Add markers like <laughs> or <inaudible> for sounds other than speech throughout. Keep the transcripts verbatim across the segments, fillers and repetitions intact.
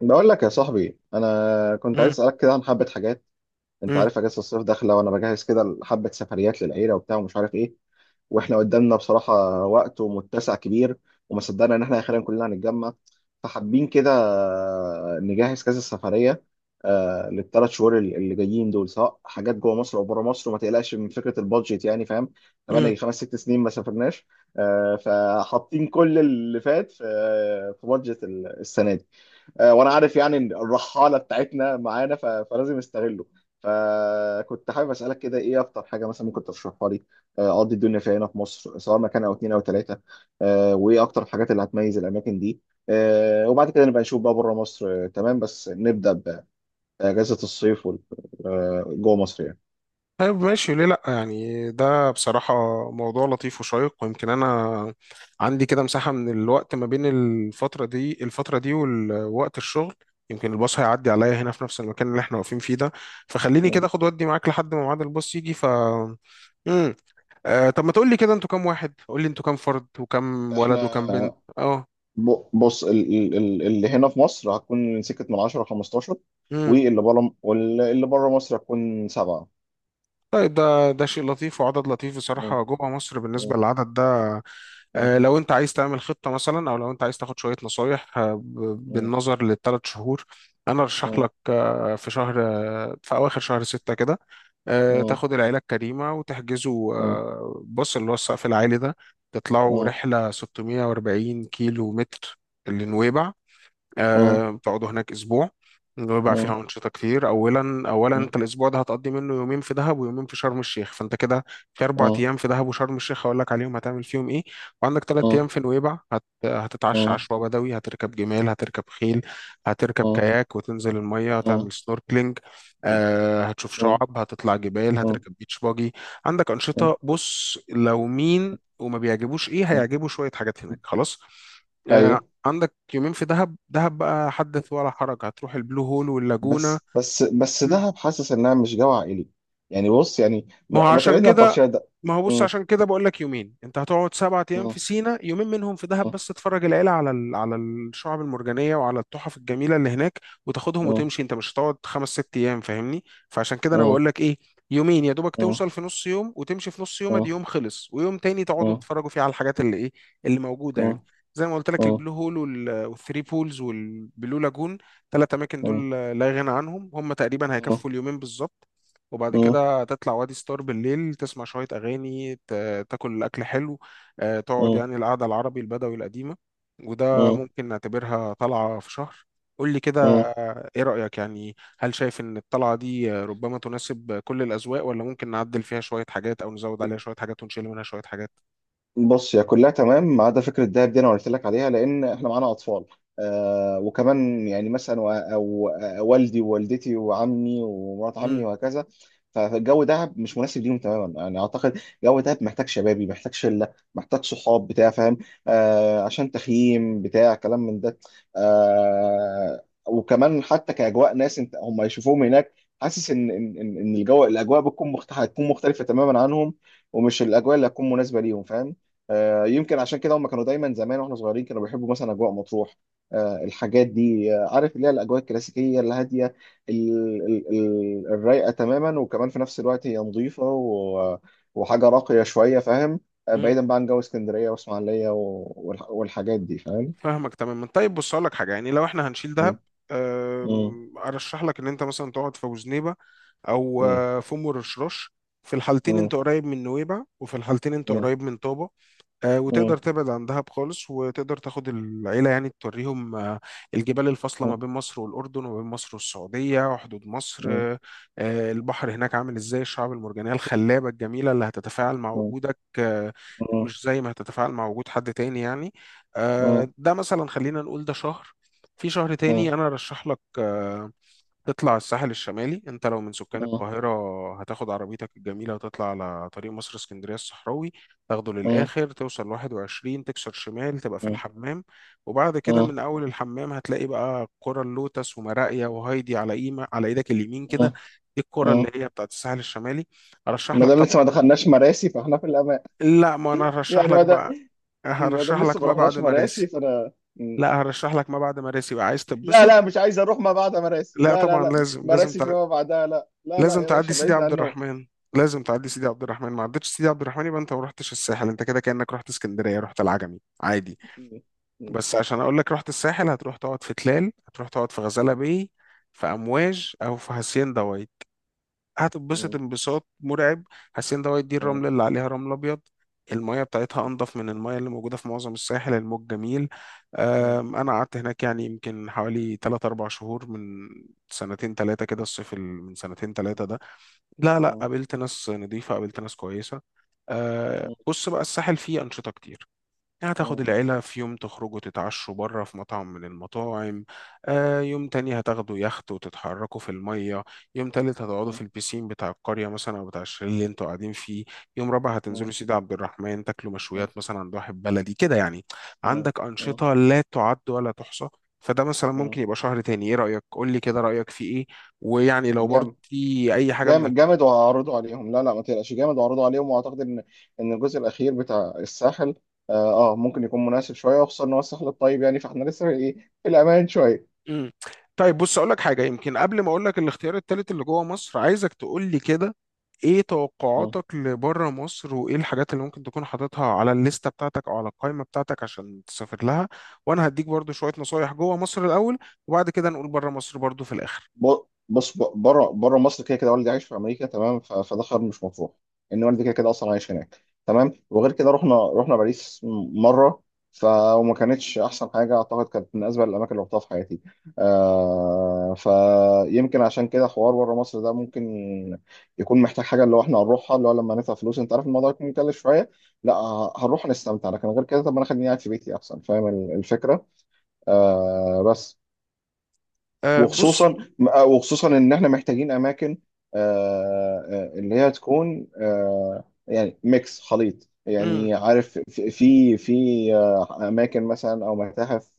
بقول لك يا صاحبي، انا كنت عايز امم اسالك كده عن حبه حاجات. انت امم عارف اجازه الصيف داخله وانا بجهز كده حبه سفريات للعيله وبتاع ومش عارف ايه. واحنا قدامنا بصراحه وقت ومتسع كبير، وما صدقنا ان احنا اخيرا كلنا هنتجمع، فحابين كده نجهز كذا سفريه. آه، للثلاث شهور اللي اللي جايين دول، سواء حاجات جوه مصر او بره مصر، وما تقلقش من فكره البادجت يعني فاهم. امم بقالنا خمس ست سنين ما سافرناش. آه، فحاطين كل اللي فات في آه، في بادجت السنه دي. آه، وانا عارف يعني إن الرحاله بتاعتنا معانا، ف- فلازم استغله. فكنت حابب اسالك كده ايه اكتر حاجه مثلا ممكن ترشحها لي، آه، اقضي الدنيا فيها هنا في مصر، سواء مكان او اتنين او تلاته. آه، وايه اكتر الحاجات اللي هتميز الاماكن دي؟ آه، وبعد كده نبقى نشوف بقى بره مصر. آه، تمام، بس نبدا باجازه الصيف وال- آه، جوه مصر يعني. طيب، ماشي. ليه لا؟ يعني ده بصراحة موضوع لطيف وشيق، ويمكن أنا عندي كده مساحة من الوقت ما بين الفترة دي الفترة دي ووقت الشغل. يمكن الباص هيعدي عليا هنا في نفس المكان اللي احنا واقفين فيه ده، فخليني كده اخد ودي معاك لحد ما ميعاد الباص يجي. ف امم آه طب ما تقول لي كده، انتوا كام واحد؟ قول لي انتوا كام فرد وكم ولد احنا وكم بنت؟ اه ب- بص ال- ال- ال- اللي هنا في مصر هتكون من سكه من عشر خمستاشر، امم واللي بره واللي بره مصر هتكون سبعه. طيب، ده ده شيء لطيف وعدد لطيف بصراحة. جوه مصر بالنسبة للعدد ده، اه. آه، لو انت عايز تعمل خطة مثلا او لو انت عايز تاخد شوية نصايح، آه، ب- اه. بالنظر للثلاث شهور، انا ارشح اه. لك آه، في شهر، آه، في اواخر شهر ستة كده، آه، اه. تاخد العيلة الكريمة وتحجزوا، آه، بص اللي هو السقف العالي ده، تطلعوا اه. رحلة ستمائة وأربعين كيلو متر لنويبع. اه. آه، بتقعدوا هناك اسبوع، بيبقى اه. فيها انشطه كتير. اولا اولا اه. انت الاسبوع ده هتقضي منه يومين في دهب ويومين في شرم الشيخ، فانت كده في اربع اه. ايام في دهب وشرم الشيخ هقول لك عليهم هتعمل فيهم ايه. وعندك ثلاث اه. ايام في نويبع هت... اه. هتتعشى اه. عشوه بدوي، هتركب جمال، هتركب خيل، هتركب كاياك وتنزل الميه، اه. هتعمل سنوركلينج. آه هتشوف اه. شعاب، هتطلع جبال، اه. هتركب بيتش باجي. عندك اه. انشطه، بص لو مين وما بيعجبوش ايه اه. هيعجبه شويه حاجات هناك خلاص. آه، ايوه. عندك يومين في دهب. دهب بقى حدث ولا حرج، هتروح البلو هول واللاجونة. بس بس بس، مم. دهب حاسس انها مش جو عائلي. يعني بص يعني، ما ما هو ما عشان تبعدنا عن كده الطرشيه ده. ما هو بص مم. عشان كده بقول لك يومين. انت هتقعد سبعة ايام مم. في سينا، يومين منهم في دهب مم. بس تتفرج العيله على ال... على الشعب المرجانيه وعلى التحف الجميله اللي هناك وتاخدهم مم. وتمشي. انت مش هتقعد خمس ست ايام، فاهمني؟ فعشان كده انا بقول مم. لك ايه، يومين يا دوبك، مم. توصل في نص يوم وتمشي في نص يوم، ادي مم. يوم خلص، ويوم تاني تقعدوا تتفرجوا فيه على الحاجات اللي ايه اللي موجوده يعني. مم. زي ما قلت لك مم. البلو هول وال- والثري بولز والبلو لاجون، ثلاث اماكن مم. دول لا غنى عنهم، هم تقريبا مم. هيكفوا اليومين بالظبط. وبعد مم. كده تطلع وادي ستار بالليل، تسمع شوية أغاني، ت- تاكل أكل حلو، آه، تقعد يعني القعدة العربي البدوي القديمة. وده مم. ممكن نعتبرها طلعة في شهر. قول لي كده، مم. آه، إيه رأيك؟ يعني هل شايف إن الطلعة دي آه، ربما تناسب كل الأذواق، ولا ممكن نعدل فيها شوية حاجات أو نزود عليها شوية حاجات ونشيل منها شوية حاجات؟ بص، هي كلها تمام ما عدا فكره الدهب دي، انا قلت لك عليها لان احنا معانا اطفال. آه وكمان يعني مثلا و- او آه، والدي ووالدتي وعمي ومرات عمي وهكذا. فالجو دهب مش مناسب ليهم تماما يعني اعتقد. جو دهب محتاج شبابي، محتاج شله، محتاج صحاب بتاع فاهم. آه عشان تخييم بتاع كلام من ده. آه وكمان حتى كاجواء ناس انت هم يشوفوهم هناك. حاسس ان ان ان إن الجو، الاجواء بتكون مختلفه هتكون مختلفه تماما عنهم، ومش الاجواء اللي هتكون مناسبه ليهم فاهم. آه، يمكن عشان كده هم كانوا دايما زمان واحنا صغيرين كانوا بيحبوا مثلا اجواء مطروح. آه، الحاجات دي آه، عارف اللي هي الاجواء الكلاسيكيه الهاديه، ال- ال- ال- الرايقه تماما، وكمان في نفس الوقت هي نظيفه و- وحاجه راقيه شويه فاهم. آه، مم. بعيدا بقى عن جو اسكندريه واسماعيليه و- والح- والحاجات دي فاهم. فاهمك تماما. طيب بص اقول لك حاجه، يعني لو احنا هنشيل م- دهب، م- أم، ارشح لك ان انت مثلا تقعد في وزنيبه او م- آه، في ام الرشراش. في الحالتين م- انت قريب من نويبع وفي الحالتين انت م- قريب من طابه، آه، وتقدر م- تبعد عن دهب خالص، وتقدر تاخد العيلة يعني توريهم آه، الجبال الفاصلة م- ما م- بين مصر والأردن وما بين مصر والسعودية وحدود مصر، م- م- آه، آه، البحر هناك عامل ازاي، الشعاب المرجانية الخلابة الجميلة اللي هتتفاعل مع م- وجودك آه، م- مش زي ما هتتفاعل مع وجود حد تاني يعني. آه، ده مثلا خلينا نقول ده شهر. في شهر م- تاني أنا أرشح لك آه، تطلع الساحل الشمالي. انت لو من سكان م- القاهرة هتاخد عربيتك الجميلة وتطلع على طريق مصر اسكندرية الصحراوي، تاخده للآخر، توصل لواحد وعشرين تكسر شمال تبقى في الحمام. وبعد كده من أول الحمام هتلاقي بقى قرى اللوتس ومراقيا وهايدي على إيمة على إيدك اليمين كده. م- دي القرى م- اللي هي بتاعت الساحل الشمالي. أرشح ما لك دام لسه ما طبعا. دخلناش مراسي، فاحنا في الامان. لا، ما أنا هرشح يعني لك ما دام، بقى، ما دام هرشح لسه لك ما ما بعد رحناش مراسي مراسي. فانا مم. لا، هرشح لك ما بعد مراسي بقى، عايز لا تتبسط؟ لا، مش عايز اروح ما بعد مراسي. لا لا لا طبعا، لا، لازم لازم، مراسي فيما بعدها. لا لا لا لازم يا تعدي باشا، سيدي بعيدنا عبد عنه. الرحمن. لازم تعدي سيدي عبد الرحمن، ما عدتش سيدي عبد الرحمن يبقى انت ما رحتش الساحل، انت كده كأنك رحت اسكندرية، رحت العجمي عادي. مم. مم. بس عشان اقول لك رحت الساحل، هتروح تقعد في تلال، هتروح تقعد في غزالة باي، في امواج او في هاسيندا وايت. هتتبسط مم. انبساط مرعب. هاسيندا وايت دي مم. الرمل اللي عليها رمل ابيض، المية بتاعتها انضف من المية اللي موجودة في معظم الساحل، الموج جميل. مم. أم، انا قعدت هناك يعني يمكن حوالي ثلاثة أربعة شهور من سنتين ثلاثة كده، الصيف ال- من سنتين ثلاثة. لا لا، مم. قابلت ناس نظيفة، قابلت ناس كويسة. أه بص بقى، الساحل فيه أنشطة كتير، يعني مم. هتاخد مم. العيلة في يوم تخرجوا تتعشوا بره في مطعم من المطاعم. أه يوم تاني هتاخدوا يخت وتتحركوا في المية. يوم تالت هتقعدوا في البيسين بتاع القرية مثلا أو بتاع الشاليه اللي انتوا قاعدين فيه. يوم رابع هتنزلوا سيدي عبد الرحمن تاكلوا مم. مشويات مثلا عند واحد بلدي كده يعني. مم. عندك أنشطة لا تعد ولا تحصى. فده مثلا مم. ممكن يبقى شهر تاني، ايه رأيك؟ قول لي كده رأيك في ايه؟ ويعني لو برضه جامد. في اي حاجة من... جامد جامد وهعرضه عليهم. لا لا ما تقلقش، جامد وهعرضه عليهم واعتقد ان ان الجزء الاخير بتاع الساحل اه آه، ممكن يكون مناسب شويه، وخصوصا ان هو الساحل الطيب يعني، فاحنا لسه في ايه، في الامان شويه. مم. طيب بص اقول لك حاجه، يمكن قبل ما اقول لك الاختيار التالت اللي جوه مصر، عايزك تقول لي كده ايه توقعاتك لبره مصر، وايه الحاجات اللي ممكن تكون حاططها على الليسته بتاعتك او على القائمه بتاعتك عشان تسافر لها. وانا هديك برضو شويه نصايح جوه مصر الاول، وبعد كده نقول بره مصر برضو في الاخر. ب- بص ب- بره بره مصر كده كده والدي عايش في امريكا، تمام، ف- فده خيار مش مطروح. ان والدي كده كده اصلا عايش هناك. تمام، وغير كده رحنا رحنا باريس م- مره. ف وما كانتش احسن حاجه، اعتقد كانت من اسوأ الاماكن اللي رحتها في حياتي. آه فيمكن عشان كده حوار بره مصر ده ممكن يكون محتاج حاجه، اللي هو احنا هنروحها، اللي هو لما ندفع فلوس انت عارف الموضوع يكون مكلف شويه. لا، ه- هنروح نستمتع، لكن غير كده طب ما انا خليني قاعد في بيتي احسن فاهم ال- الفكره. آه بس. آه بص. وخصوصا وخصوصا ان احنا محتاجين اماكن، آه، آه، اللي هي تكون آه، يعني ميكس خليط يعني، عارف في في في، آه، اماكن مثلا او متاحف،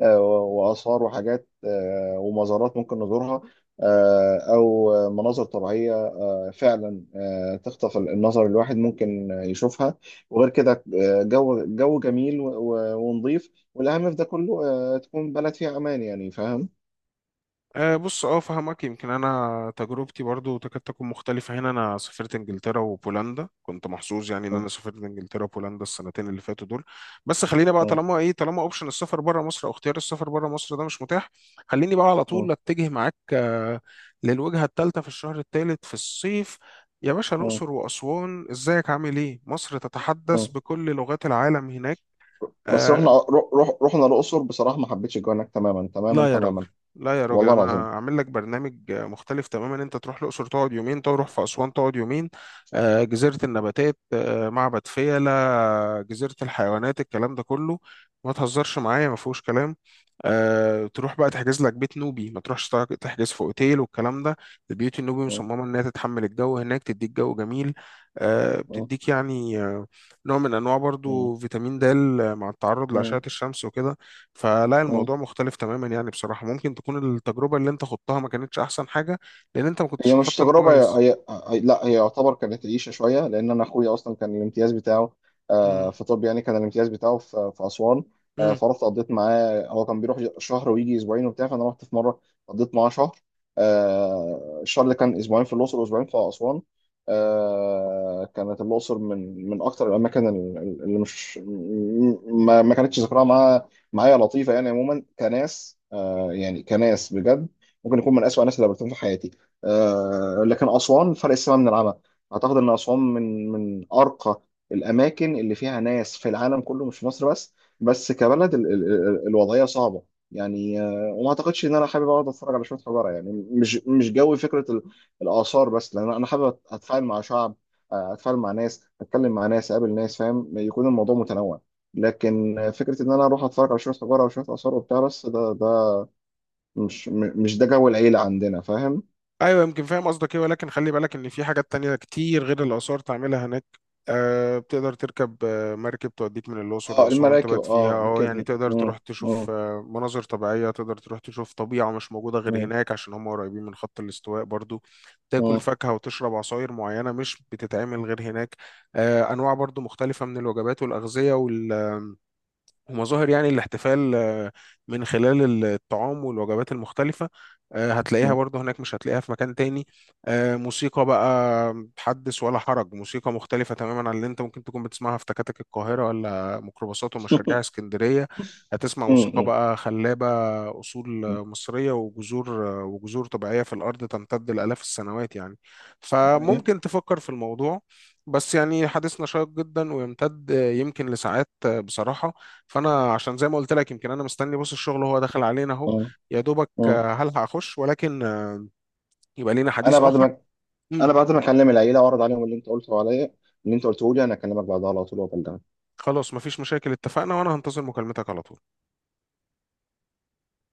آه، واثار وحاجات آه، ومزارات ممكن نزورها، آه، او مناظر طبيعيه فعلا آه، تخطف النظر الواحد ممكن يشوفها. وغير كده آه، جو جو جميل و- و- ونظيف، والاهم في ده كله آه، تكون بلد فيها امان يعني فاهم؟ أه بص، اه فهمك. يمكن انا تجربتي برضو تكاد تكون مختلفه هنا، انا سافرت انجلترا وبولندا، كنت محظوظ يعني ان م- انا سافرت انجلترا وبولندا السنتين اللي فاتوا دول. بس خلينا بقى، م. طالما ايه طالما اوبشن السفر بره مصر او اختيار السفر بره مصر ده مش متاح، خليني بقى على طول اه. اتجه معاك آه، للوجهه الثالثه في الشهر الثالث في الصيف. يا باشا اه. الاقصر واسوان، ازيك عامل ايه؟ مصر تتحدث اه. بكل لغات العالم هناك. بس آه، رحنا رو- رو- رحنا الأقصر بصراحة، ما حبيتش الجو هناك تماما تماما لا يا راجل، تماما. لا يا راجل، والله انا العظيم. عامل لك برنامج مختلف تماما، انت تروح الاقصر تقعد يومين، تروح في اسوان تقعد يومين، آه، جزيره النباتات، آه، معبد فيلة، جزيره الحيوانات، الكلام ده كله، ما تهزرش معايا، ما فيهوش كلام. آه، تروح بقى تحجز لك بيت نوبي، ما تروحش تع- تحجز في اوتيل والكلام ده. البيوت النوبي اه. مصممه انها تتحمل الجو هناك، تديك جو جميل، آه، اه. بتديك يعني آه، نوع من انواع اه. برضو فيتامين د مع التعرض لاشعه اه. الشمس وكده. فلا اه. الموضوع مختلف تماما يعني بصراحة، ممكن تكون التجربة اللي انت خضتها ما كانتش احسن حاجة لان انت ما هي كنتش مش مخطط تجربة. هي... كويس. هي... هي... لا، هي يعتبر كانت عيشة شوية، لأن أنا أخويا أصلا كان الامتياز بتاعه آه، في طب يعني، كان الامتياز بتاعه في, في أسوان. آه، امم فرحت قضيت معاه، هو كان بيروح شهر ويجي أسبوعين وبتاع، فأنا رحت في مرة قضيت معاه شهر. آه، الشهر اللي كان أسبوعين في الأقصر وأسبوعين في أسوان. آه، كانت الأقصر من من أكتر الأماكن ال- ال- اللي مش م- ما, ما كانتش ذكرها معايا معايا، لطيفة يعني عموما كناس، آه، يعني كناس بجد، ممكن يكون من أسوأ الناس اللي قابلتهم في حياتي. آه، لكن أسوان فرق السماء من العمى. أعتقد إن أسوان من من أرقى الأماكن اللي فيها ناس في العالم كله، مش في مصر بس. بس كبلد ال- ال- ال- الوضعية صعبة يعني، آه، وما أعتقدش إن أنا حابب أقعد أتفرج على شوية حجارة يعني، مش مش جوي فكرة ال- الآثار بس، لأن أنا حابب أت- أتفاعل مع شعب، آه، أتفاعل مع ناس، أتكلم مع ناس، أقابل ناس فاهم، يكون الموضوع متنوع. لكن آه، فكرة إن أنا أروح أتفرج على شوية حجارة وشوية آثار وبتاع بس، ده ده مش م- مش ده جو العيلة عندنا فاهم. ايوه، يمكن فاهم قصدك ايه، ولكن خلي بالك ان في حاجات تانية كتير غير الاثار تعملها هناك. أه بتقدر تركب آه، مركب توديك من الاقصر اه، لاسوان المراكب تبات فيها اه اه، يعني ركبنا. تقدر مم. تروح تشوف مم. آه، مناظر طبيعيه، تقدر تروح تشوف طبيعه مش موجوده غير مم. هناك، عشان هم قريبين من خط الاستواء برضو. تاكل مم. فاكهه وتشرب عصاير معينه مش بتتعمل غير هناك. أه انواع برضو مختلفه من الوجبات والاغذيه، ومظاهر يعني الاحتفال آه، من خلال الطعام والوجبات المختلفة آه، هتلاقيها مم. برضو هناك مش هتلاقيها في مكان تاني. آه، موسيقى بقى حدث ولا حرج، موسيقى مختلفة تماما عن اللي انت ممكن تكون بتسمعها في تكاتك القاهرة ولا ميكروباصات ومشاريع <laughs> اسكندرية. هتسمع موسيقى مم. بقى خلابة، أصول آه، مم. مصرية وجذور آه، وجذور طبيعية في الأرض تمتد لآلاف السنوات يعني. ايوه. فممكن تفكر في الموضوع. بس يعني حديثنا شيق جدا ويمتد آه، يمكن لساعات آه، بصراحة، فانا عشان زي ما قلت لك يمكن انا مستني، بص الشغل وهو داخل علينا اهو، مم. يا دوبك مم. آه، هل هخش، ولكن آه، يبقى لينا انا حديث بعد اخر. ما امم انا بعد ما اكلم العيله واعرض عليهم اللي انت قلته عليا، اللي انت قلته لي، انا اكلمك بعدها على طول وابلغك. خلاص مفيش مشاكل، اتفقنا، وانا هنتظر مكالمتك على طول.